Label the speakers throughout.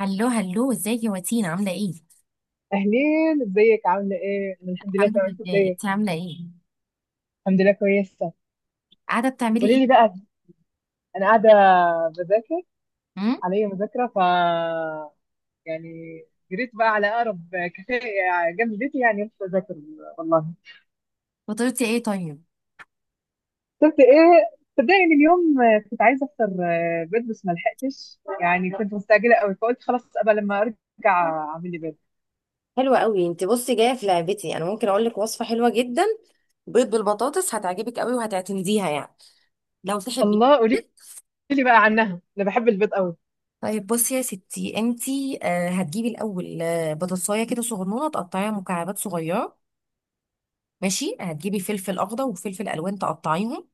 Speaker 1: هلو هلو، ازيك يا واتين؟ عامله ايه؟
Speaker 2: اهلين، ازيك؟ عامله ايه؟ انا الحمد لله
Speaker 1: الحمد
Speaker 2: تمام، انت
Speaker 1: لله.
Speaker 2: ازيك؟
Speaker 1: انت عامله ايه؟
Speaker 2: الحمد لله كويسه.
Speaker 1: قاعده بتعملي
Speaker 2: قولي لي
Speaker 1: ايه؟
Speaker 2: بقى. انا قاعده بذاكر.
Speaker 1: امم
Speaker 2: عليا مذاكره، ف يعني جريت بقى على اقرب كافيه، يعني جنب بيتي، يعني رحت اذاكر والله.
Speaker 1: فطرتي ايه طيب؟
Speaker 2: كنت ايه، صدقني إن اليوم كنت عايزه افطر بيض بس ما لحقتش، يعني كنت مستعجله قوي فقلت خلاص ابقى لما ارجع اعمل لي بيض.
Speaker 1: حلوة قوي. انت بصي، جاية في لعبتي. انا ممكن اقول لك وصفة حلوة جدا، بيض بالبطاطس، هتعجبك قوي وهتعتمديها يعني لو تحبي.
Speaker 2: الله، قولي لي بقى عنها، انا بحب البيض قوي.
Speaker 1: طيب بصي يا ستي، انت آه هتجيبي الاول بطاطسايه كده صغنونه تقطعيها مكعبات صغيره. ماشي، هتجيبي فلفل اخضر وفلفل الوان تقطعيهم.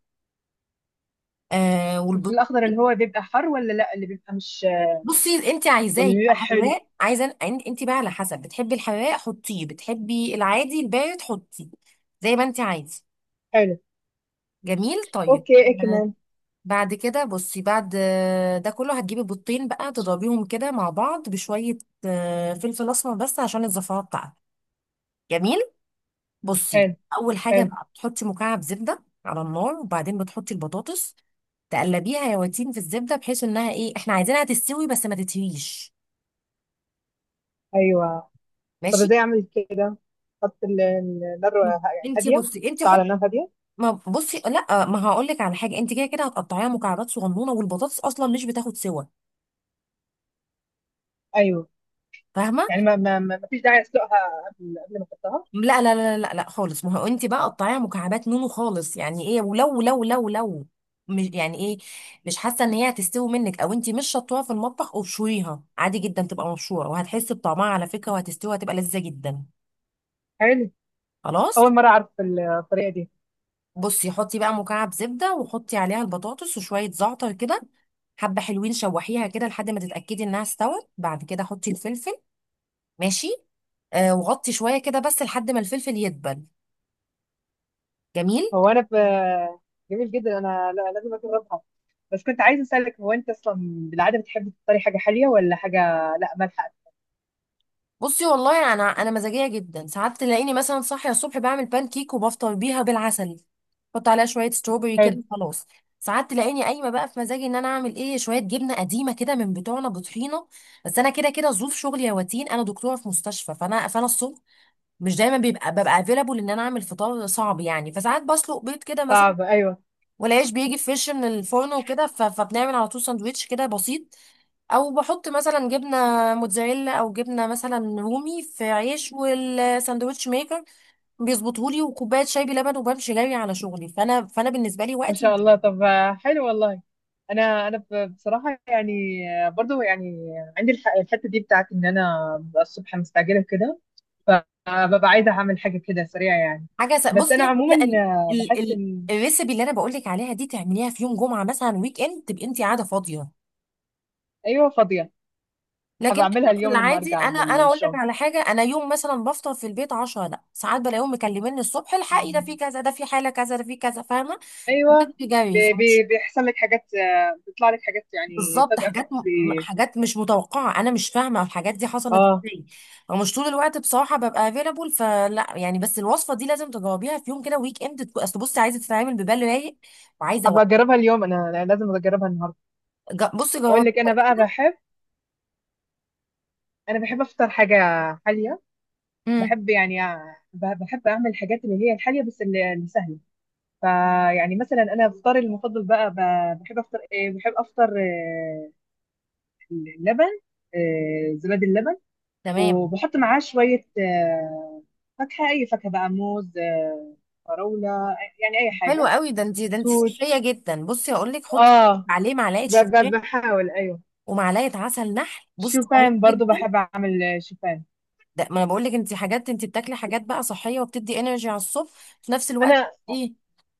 Speaker 1: آه.
Speaker 2: في الاخضر اللي هو بيبقى حار ولا لا، اللي بيبقى مش
Speaker 1: بصي، انت عايزاه
Speaker 2: واللي
Speaker 1: يبقى
Speaker 2: بيبقى حلو؟
Speaker 1: حراق؟ عايزه؟ انت بقى على حسب، بتحبي الحراق حطيه، بتحبي العادي البارد حطيه، زي ما انت عايزه.
Speaker 2: حلو.
Speaker 1: جميل. طيب
Speaker 2: اوكي، ايه كمان؟
Speaker 1: بعد كده بصي، بعد ده كله هتجيبي بيضتين بقى تضربيهم كده مع بعض بشويه فلفل اسمر بس عشان الزفاره بتاعته. جميل. بصي،
Speaker 2: حلو.
Speaker 1: اول حاجه
Speaker 2: حلو.
Speaker 1: بقى بتحطي مكعب زبده على النار، وبعدين بتحطي البطاطس. تقلبيها يا واتين في الزبده، بحيث انها ايه، احنا عايزينها تستوي بس ما تتهريش.
Speaker 2: ايوه. طب
Speaker 1: ماشي.
Speaker 2: ازاي اعمل كده؟ النار، يعني
Speaker 1: انتي
Speaker 2: هاديه.
Speaker 1: بصي انتي
Speaker 2: احطها على نار هاديه؟
Speaker 1: ما بصي، لا، ما هقول لك على حاجه. انت كده كده هتقطعيها مكعبات صغنونه، والبطاطس اصلا مش بتاخد سوا،
Speaker 2: ايوه.
Speaker 1: فاهمه؟
Speaker 2: يعني ما فيش داعي اسلقها قبل ما احطها؟
Speaker 1: لا، خالص، ما هو انت بقى قطعيها مكعبات نونو خالص. يعني ايه، ولو لو لو لو مش يعني ايه، مش حاسه ان هي هتستوي منك، او انت مش شطوها في المطبخ ابشريها عادي جدا، تبقى مبشوره وهتحسي بطعمها على فكره، وهتستوي، هتبقى لذيذه جدا.
Speaker 2: حلو.
Speaker 1: خلاص.
Speaker 2: اول مره اعرف الطريقه دي.
Speaker 1: بصي، حطي بقى مكعب زبده وحطي عليها البطاطس وشويه زعتر كده حبه، حلوين شوحيها كده لحد ما تتاكدي انها استوت، بعد كده حطي الفلفل. ماشي. آه، وغطي شويه كده بس لحد ما الفلفل يدبل. جميل.
Speaker 2: هو انا ب... جميل جدا. انا لازم اجربها. بس كنت عايزه اسالك، هو انت اصلا بالعاده بتحب تفطري حاجه حاليه ولا حاجه؟ لا، مالحه.
Speaker 1: بصي، والله انا مزاجيه جدا، ساعات تلاقيني مثلا صاحيه الصبح بعمل بان كيك وبفطر بيها بالعسل، بحط عليها شويه ستروبري
Speaker 2: حلو.
Speaker 1: كده خلاص. ساعات تلاقيني قايمه بقى في مزاجي ان انا اعمل ايه، شويه جبنه قديمه كده من بتوعنا بطحينه. بس انا كده كده ظروف شغلي يا واتين، انا دكتوره في مستشفى، فانا الصبح مش دايما بيبقى ببقى افيلابل ان انا اعمل فطار صعب يعني، فساعات بسلق بيض كده مثلا،
Speaker 2: صعب، ايوه.
Speaker 1: والعيش بيجي فريش من الفرن وكده، فبنعمل على طول ساندوتش كده بسيط، او بحط مثلا جبنه موتزاريلا او جبنه مثلا رومي في عيش، والساندوتش ميكر بيظبطهولي، وكوبايه شاي بلبن، وبمشي جري على شغلي. فانا بالنسبه لي
Speaker 2: ما
Speaker 1: وقتي
Speaker 2: شاء
Speaker 1: مش
Speaker 2: الله. طب حلو والله. انا بصراحه، يعني برضو يعني عندي الحته دي بتاعت ان انا ببقى الصبح مستعجله كده، فببقى عايزه اعمل حاجه كده سريعه يعني. بس
Speaker 1: بصي،
Speaker 2: انا
Speaker 1: لا
Speaker 2: عموما
Speaker 1: ال...
Speaker 2: بحس
Speaker 1: ال...
Speaker 2: ان...
Speaker 1: الريسبي اللي انا بقول لك عليها دي تعمليها في يوم جمعه مثلا، ويك اند، تبقي انت قاعده فاضيه.
Speaker 2: ايوه، فاضيه.
Speaker 1: لكن
Speaker 2: هبقى
Speaker 1: احنا
Speaker 2: اعملها
Speaker 1: في
Speaker 2: اليوم لما
Speaker 1: العادي،
Speaker 2: ارجع
Speaker 1: انا
Speaker 2: من
Speaker 1: اقول لك
Speaker 2: الشغل.
Speaker 1: على حاجه، انا يوم مثلا بفطر في البيت، 10 لا ساعات بلاقيهم مكلميني الصبح، الحقي ده في كذا، ده في حاله كذا، ده في كذا، فاهمه؟
Speaker 2: ايوه.
Speaker 1: بجري.
Speaker 2: بيحصل لك حاجات، بيطلع لك حاجات يعني
Speaker 1: بالظبط،
Speaker 2: فجاه،
Speaker 1: حاجات مش متوقعه، انا مش فاهمه الحاجات دي حصلت
Speaker 2: اه.
Speaker 1: ازاي. فمش طول الوقت بصراحه ببقى افيلابل فلا يعني. بس الوصفه دي لازم تجاوبيها في يوم كده ويك اند، اصل بصي، عايزه تتعامل ببال رايق وعايزه
Speaker 2: هبقى
Speaker 1: وقت.
Speaker 2: اجربها اليوم، أنا لازم اجربها النهارده.
Speaker 1: بصي
Speaker 2: اقول لك انا
Speaker 1: جاوبيها.
Speaker 2: بقى بحب. انا بحب افطر حاجه حاليه.
Speaker 1: امم
Speaker 2: بحب يعني بحب اعمل الحاجات اللي هي الحاليه بس اللي سهله. فيعني مثلا انا افطاري المفضل بقى، بحب افطر ايه، بحب افطر اللبن، زبادي اللبن،
Speaker 1: تمام.
Speaker 2: وبحط معاه شويه فاكهه، اي فاكهه بقى، موز، فراوله، يعني اي
Speaker 1: حلو
Speaker 2: حاجه.
Speaker 1: قوي، ده انت
Speaker 2: توت.
Speaker 1: صحيه جدا. بصي هقول لك، حطي
Speaker 2: اه.
Speaker 1: عليه معلقه شوفان
Speaker 2: بحاول، ايوه.
Speaker 1: ومعلقه عسل نحل، بصي
Speaker 2: شوفان
Speaker 1: رهيب
Speaker 2: برضو
Speaker 1: جدا،
Speaker 2: بحب اعمل شوفان.
Speaker 1: ده ما انا بقول لك، انت حاجات انت بتاكلي حاجات بقى صحيه وبتدي انرجي على الصبح في نفس الوقت.
Speaker 2: انا
Speaker 1: ايه،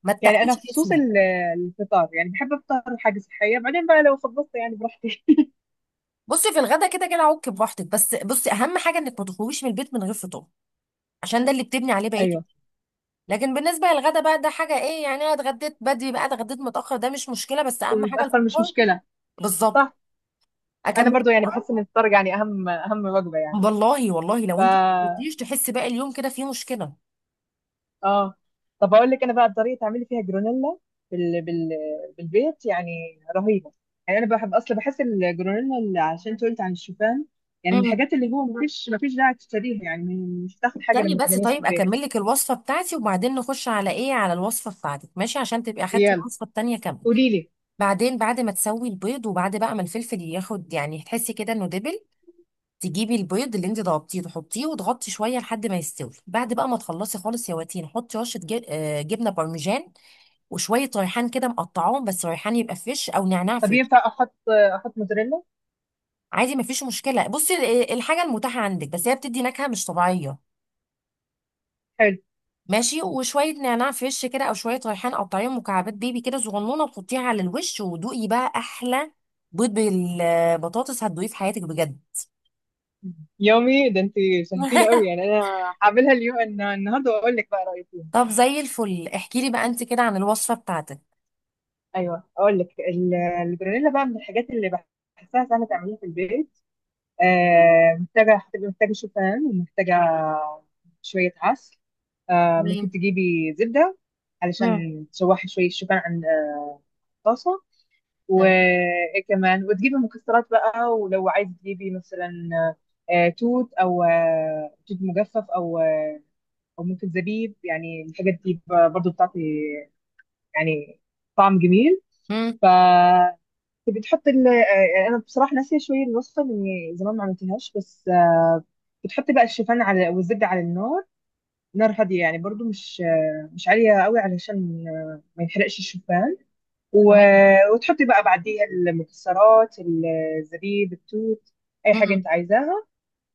Speaker 1: ما
Speaker 2: يعني انا
Speaker 1: تتقلش
Speaker 2: في خصوص
Speaker 1: جسمك.
Speaker 2: الفطار يعني بحب افطر حاجه صحيه، بعدين بقى لو خبصت يعني براحتي.
Speaker 1: بصي، في الغدا كده كده عك براحتك، بس بصي اهم حاجه انك ما تخرجيش من البيت من غير فطار، عشان ده اللي بتبني عليه بقيتك.
Speaker 2: ايوه.
Speaker 1: لكن بالنسبه للغدا بقى ده حاجه ايه يعني، انا اتغديت بدري بقى، اتغديت متاخر، ده مش مشكله، بس اهم حاجه
Speaker 2: ونتاخر مش
Speaker 1: الفطار.
Speaker 2: مشكله.
Speaker 1: بالظبط.
Speaker 2: صح. انا
Speaker 1: اكمل.
Speaker 2: برضو يعني بحس ان الفطار يعني اهم اهم وجبه يعني.
Speaker 1: والله والله،
Speaker 2: ف...
Speaker 1: لو انت ما فطرتيش تحسي باقي اليوم كده فيه مشكله.
Speaker 2: اه. طب اقول لك انا بقى الطريقه تعملي فيها جرونيلا بال... بال... بالبيت يعني. رهيبه. يعني انا بحب اصلا، بحس الجرونيلا اللي، عشان انت قلت عن الشوفان، يعني من
Speaker 1: امم
Speaker 2: الحاجات اللي هو مفيش داعي تشتريها يعني. مش هتاخد حاجه
Speaker 1: استني
Speaker 2: لما
Speaker 1: بس،
Speaker 2: تعمليها في
Speaker 1: طيب
Speaker 2: البيت.
Speaker 1: اكمل لك الوصفه بتاعتي، وبعدين نخش على ايه، على الوصفه بتاعتك، ماشي؟ عشان تبقي اخدتي
Speaker 2: يلا،
Speaker 1: الوصفه التانيه كامله.
Speaker 2: قولي لي.
Speaker 1: بعدين، بعد ما تسوي البيض، وبعد بقى ما الفلفل ياخد يعني، تحسي كده انه دبل، تجيبي البيض اللي انت ضربتيه تحطيه وتغطي شويه لحد ما يستوي. بعد بقى ما تخلصي خالص يا واتين، حطي رشه جب... آه، جبنه بارميجان وشويه ريحان كده مقطعاهم، بس ريحان يبقى فريش او نعناع
Speaker 2: طب
Speaker 1: فريش.
Speaker 2: ينفع احط، احط موتزاريلا؟
Speaker 1: عادي، مفيش مشكله. بصي، الحاجه المتاحه عندك، بس هي بتدي نكهه مش طبيعيه.
Speaker 2: حلو.
Speaker 1: ماشي، وشويه نعناع فريش كده او شويه ريحان، قطعيهم مكعبات بيبي كده صغنونه وتحطيها على الوش، ودوقي بقى احلى بيض بالبطاطس هتدوقيه في حياتك بجد.
Speaker 2: يومي ده انت! شهتيني قوي يعني انا. هعملها اليوم النهارده واقول لك بقى رايي.
Speaker 1: طب زي الفل، احكي لي بقى انت كده عن الوصفه بتاعتك.
Speaker 2: ايوه، اقول لك الجرانيلا بقى من الحاجات اللي بحسها سهله تعمليها في البيت. آه محتاجه، هتبقى محتاجه شوفان ومحتاجه شويه عسل. آه ممكن تجيبي زبده
Speaker 1: تمام.
Speaker 2: علشان تشوحي شويه شوفان عن الطاسه.
Speaker 1: تمام.
Speaker 2: وكمان وتجيبي مكسرات بقى، ولو عايز تجيبي مثلا توت، او توت مجفف، او او ممكن زبيب، يعني الحاجات دي برضو بتعطي يعني طعم جميل.
Speaker 1: امم
Speaker 2: ف... انت بتحط ال انا بصراحه ناسيه شويه الوصفه لاني زمان ما عملتهاش، بس بتحطي بقى الشوفان على، والزبده على النار، نار هاديه يعني، برضو مش مش عاليه قوي علشان ما يحرقش الشوفان. و...
Speaker 1: تمام.
Speaker 2: وتحطي بقى بعديها المكسرات، الزبيب، التوت، اي حاجه انت
Speaker 1: امم
Speaker 2: عايزاها.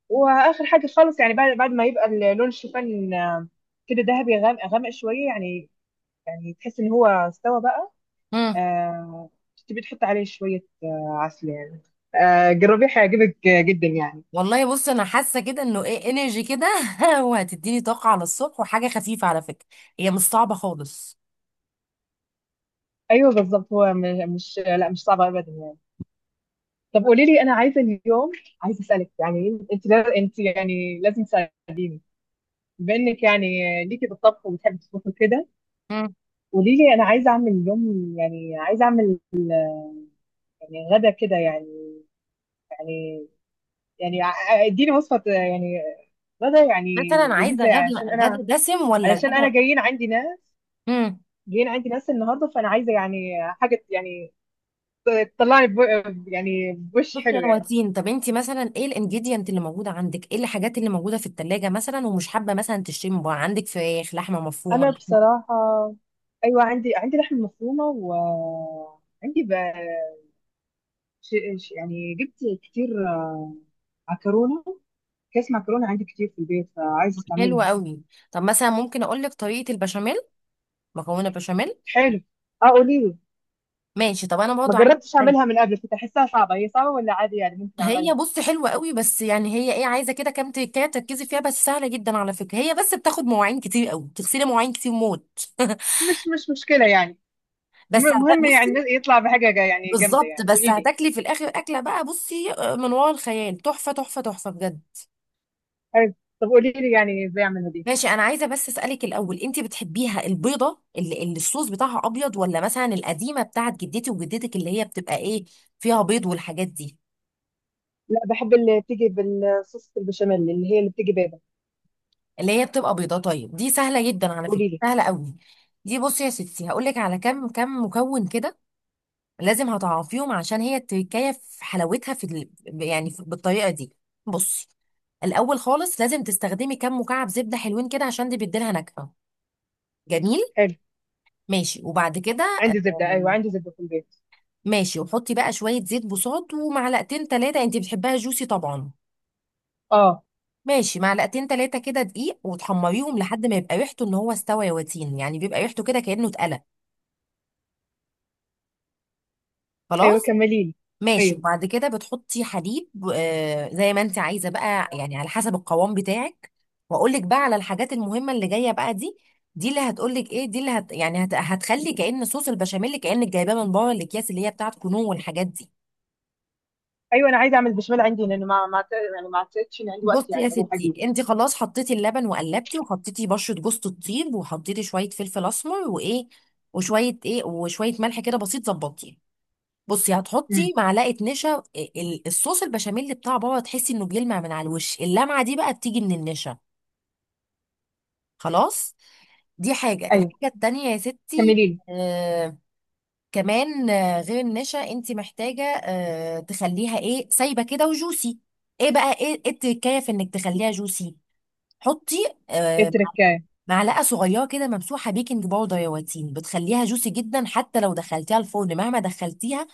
Speaker 2: واخر حاجه خالص يعني، بعد ما يبقى لون الشوفان كده ذهبي غامق، غامق شويه يعني، يعني تحس ان هو استوى بقى.
Speaker 1: امم
Speaker 2: آه. تبي تحط عليه شوية عسل يعني. آه جربيه، هيعجبك جدا يعني.
Speaker 1: والله بص، انا حاسه كده انه ايه، انرجي كده. وهتديني طاقه على الصبح، وحاجه خفيفه على فكره، هي مش صعبه خالص.
Speaker 2: ايوه بالظبط. هو مش، لا مش صعب ابدا يعني. طب قولي لي، انا عايزه اليوم، عايزه اسالك يعني، انت لا- انت يعني لازم تساعديني بما انك يعني ليكي بالطبخ وبتحبي تطبخي كده.
Speaker 1: امم
Speaker 2: قولي لي، انا عايزه اعمل اليوم، يعني عايزه اعمل يعني غدا كده يعني، يعني، يعني اديني وصفه، يعني غدا يعني
Speaker 1: مثلا عايزه
Speaker 2: لذيذه، يعني
Speaker 1: غدا،
Speaker 2: عشان
Speaker 1: غدا
Speaker 2: انا،
Speaker 1: دسم ولا
Speaker 2: علشان انا
Speaker 1: غدا؟
Speaker 2: جايين عندي ناس،
Speaker 1: امم
Speaker 2: جايين عندي ناس النهارده فانا عايزه يعني حاجه يعني تطلعني بو، يعني بوش
Speaker 1: بصي
Speaker 2: حلو
Speaker 1: يا
Speaker 2: يعني.
Speaker 1: واتين، طب انت مثلا ايه الانجيديانت اللي موجوده عندك، ايه الحاجات اللي موجوده في التلاجة مثلا، ومش حابه مثلا تشتري من بره؟ عندك فراخ؟ لحمه مفرومه؟
Speaker 2: انا
Speaker 1: لحمه؟
Speaker 2: بصراحه، ايوه عندي لحم مفرومه، وعندي ش... يعني جبت كتير عكرونه كيس معكرونه، عندي كتير في البيت فعايزه
Speaker 1: حلوه
Speaker 2: استعملهم.
Speaker 1: قوي. طب مثلا ممكن اقول لك طريقه البشاميل، مكونه بشاميل.
Speaker 2: حلو. اه قولي لي.
Speaker 1: ماشي، طب انا
Speaker 2: ما
Speaker 1: برضه عايزه.
Speaker 2: جربتش اعملها من قبل، كنت احسها صعبه. هي صعبه ولا عادي يعني ممكن
Speaker 1: هي
Speaker 2: اعملها؟
Speaker 1: بص حلوة قوي، بس يعني هي ايه، عايزة كده كام تكاية تركزي فيها، بس سهلة جدا على فكرة، هي بس بتاخد مواعين كتير قوي، تغسلي مواعين كتير موت.
Speaker 2: مش مشكله يعني.
Speaker 1: بس
Speaker 2: المهم
Speaker 1: بصي،
Speaker 2: يعني يطلع بحاجه يعني جامده
Speaker 1: بالظبط،
Speaker 2: يعني.
Speaker 1: بس
Speaker 2: قولي لي.
Speaker 1: هتاكلي في الاخر اكلة بقى بصي من ورا الخيال، تحفة تحفة تحفة بجد.
Speaker 2: حلو. طب قولي لي يعني ازاي اعملها دي.
Speaker 1: ماشي، انا عايزة بس اسألك الاول، انت بتحبيها البيضة اللي الصوص بتاعها ابيض، ولا مثلا القديمة بتاعت جدتي وجدتك اللي هي بتبقى ايه فيها بيض والحاجات دي؟
Speaker 2: لا، بحب اللي بتيجي بالصوص البشاميل، اللي هي اللي بتيجي بيضه.
Speaker 1: اللي هي بتبقى بيضة؟ طيب دي سهلة جدا على فكرة،
Speaker 2: قولي لي.
Speaker 1: سهلة قوي. دي بصي يا ستي، هقول لك على كام مكون كده لازم هتعرفيهم، عشان هي التركايه في حلاوتها في ال... يعني في... بالطريقه دي. بصي، الاول خالص لازم تستخدمي كام مكعب زبده حلوين كده، عشان دي بتديلها نكهه جميل.
Speaker 2: حلو.
Speaker 1: ماشي، وبعد كده،
Speaker 2: عندي زبده. ايوه
Speaker 1: آم،
Speaker 2: عندي زبده في البيت.
Speaker 1: ماشي، وحطي بقى شويه زيت بوصات ومعلقتين ثلاثه، انت بتحبها جوسي طبعا.
Speaker 2: اه.
Speaker 1: ماشي، معلقتين ثلاثه كده دقيق، وتحمريهم لحد ما يبقى ريحته ان هو استوى يا واتين، يعني بيبقى ريحته كده كانه اتقلى،
Speaker 2: ايوه
Speaker 1: خلاص.
Speaker 2: كملي لي.
Speaker 1: ماشي،
Speaker 2: ايوه.
Speaker 1: وبعد كده بتحطي حليب، آه زي ما انت عايزه بقى، يعني على حسب القوام بتاعك. واقول لك بقى على الحاجات المهمه اللي جايه بقى دي، دي اللي هتقول لك ايه، دي اللي هت يعني هت هتخلي كأن صوص البشاميل كأنك جايباه من بره الاكياس اللي هي بتاعت كنو والحاجات دي.
Speaker 2: ايوه انا عايزه اعمل بشاميل عندي لان ما يعني ما اعتقدش ان عندي
Speaker 1: بصي
Speaker 2: وقت
Speaker 1: يا
Speaker 2: يعني اروح
Speaker 1: ستي،
Speaker 2: اجيبه.
Speaker 1: انت خلاص حطيتي اللبن وقلبتي، وحطيتي بشره جوز الطيب، وحطيتي شويه فلفل اسمر، وايه، وشويه ايه، وشويه ملح كده بسيط ظبطيه. بصي،
Speaker 2: امم.
Speaker 1: هتحطي معلقه نشا. الصوص البشاميل بتاع بابا تحسي انه بيلمع من على الوش، اللمعه دي بقى بتيجي من النشا، خلاص. دي الحاجه
Speaker 2: ايوه
Speaker 1: التانية يا ستي.
Speaker 2: كملي لي.
Speaker 1: آه، كمان آه غير النشا، انت محتاجه آه تخليها ايه، سايبه كده وجوسي. ايه بقى ايه إيه التكايه في انك تخليها جوسي؟ حطي
Speaker 2: ايه
Speaker 1: آه
Speaker 2: التركايه؟
Speaker 1: معلقه صغيره كده ممسوحه بيكنج باودر يا واتين، بتخليها جوسي جدا، حتى لو دخلتيها الفرن، مهما دخلتيها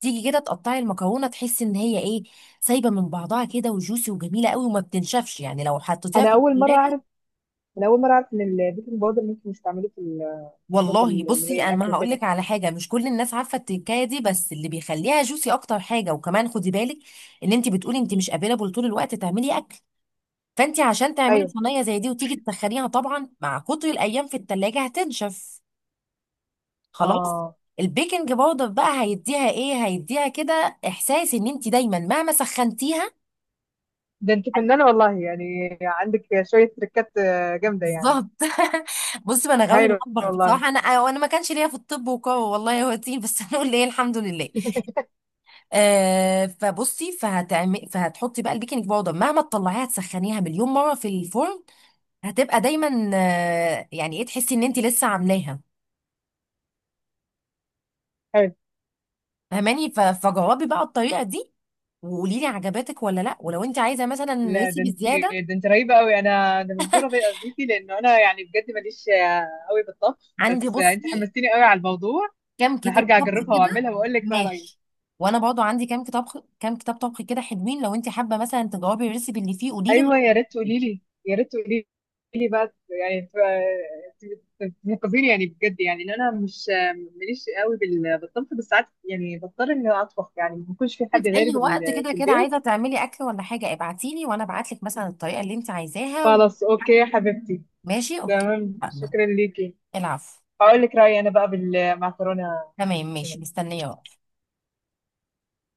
Speaker 1: تيجي كده تقطعي المكرونه تحسي ان هي ايه، سايبه من بعضها كده وجوسي وجميله قوي، وما بتنشفش يعني لو حطيتيها
Speaker 2: انا
Speaker 1: في
Speaker 2: اول مره
Speaker 1: الثلاجه.
Speaker 2: اعرف انا اول مره اعرف ان البيكنج باودر ممكن يستعملوه في الصوصات
Speaker 1: والله
Speaker 2: اللي هي
Speaker 1: بصي، انا
Speaker 2: الاكل
Speaker 1: ما هقول
Speaker 2: وكده.
Speaker 1: لك على حاجه، مش كل الناس عارفه التكايه دي، بس اللي بيخليها جوسي اكتر حاجه. وكمان خدي بالك، ان انت بتقولي انت مش قابله طول الوقت تعملي اكل، فانت عشان تعملي
Speaker 2: ايوه.
Speaker 1: صينيه زي دي وتيجي تسخنيها، طبعا مع كتر الايام في الثلاجه هتنشف، خلاص.
Speaker 2: اه.
Speaker 1: البيكنج باودر بقى هيديها ايه، هيديها كده احساس ان انت دايما مهما سخنتيها.
Speaker 2: ده انت فنانه والله! يعني عندك شويه تركات جامده يعني.
Speaker 1: بالظبط. بص، ما انا غاويه
Speaker 2: هايله
Speaker 1: المطبخ
Speaker 2: والله.
Speaker 1: بصراحه انا، وانا ما كانش ليا في الطب، والله هو تين بس. هنقول ايه، الحمد لله. آه، فبصي، فهتحطي بقى البيكنج باودر، مهما تطلعيها تسخنيها مليون مره في الفرن هتبقى دايما آه يعني ايه، تحسي ان انت لسه عاملاها، فهماني؟ فجربي بقى الطريقه دي، وقولي لي عجبتك ولا لا. ولو انت عايزه مثلا
Speaker 2: لا،
Speaker 1: ريسيبي زياده،
Speaker 2: ده انت رهيبه قوي. انا مبهوره بيكي، لانه انا يعني بجد ماليش قوي بالطبخ،
Speaker 1: عندي
Speaker 2: بس انت
Speaker 1: بصي
Speaker 2: حمستيني قوي على الموضوع.
Speaker 1: كام
Speaker 2: انا
Speaker 1: كتاب
Speaker 2: هرجع
Speaker 1: طبخ
Speaker 2: اجربها
Speaker 1: كده.
Speaker 2: واعملها واقول لك بقى رايي.
Speaker 1: ماشي، وانا برضو عندي كام كتاب، طبخ كده حلوين، لو انت حابه مثلا تجاوبي الريسيبي اللي فيه قولي لي.
Speaker 2: ايوه، يا ريت تقولي لي. يا ريت تقولي لي بقى يعني ت- تنقذيني يعني بجد، يعني ان انا مش ماليش قوي بالطبخ، بس ساعات يعني بضطر اني اطبخ يعني، ما بيكونش في حد
Speaker 1: في
Speaker 2: غيري
Speaker 1: اي وقت كده
Speaker 2: في
Speaker 1: كده
Speaker 2: البيت.
Speaker 1: عايزه تعملي اكل ولا حاجه، ابعتي لي وانا ابعت لك مثلا الطريقه اللي انت عايزاها
Speaker 2: خلاص اوكي يا حبيبتي.
Speaker 1: ماشي، اوكي.
Speaker 2: تمام،
Speaker 1: اتفقنا.
Speaker 2: شكرا ليكي.
Speaker 1: العفو.
Speaker 2: هقول لك رايي انا بقى بالمعكرونه.
Speaker 1: تمام، ماشي، مستنيه بقى.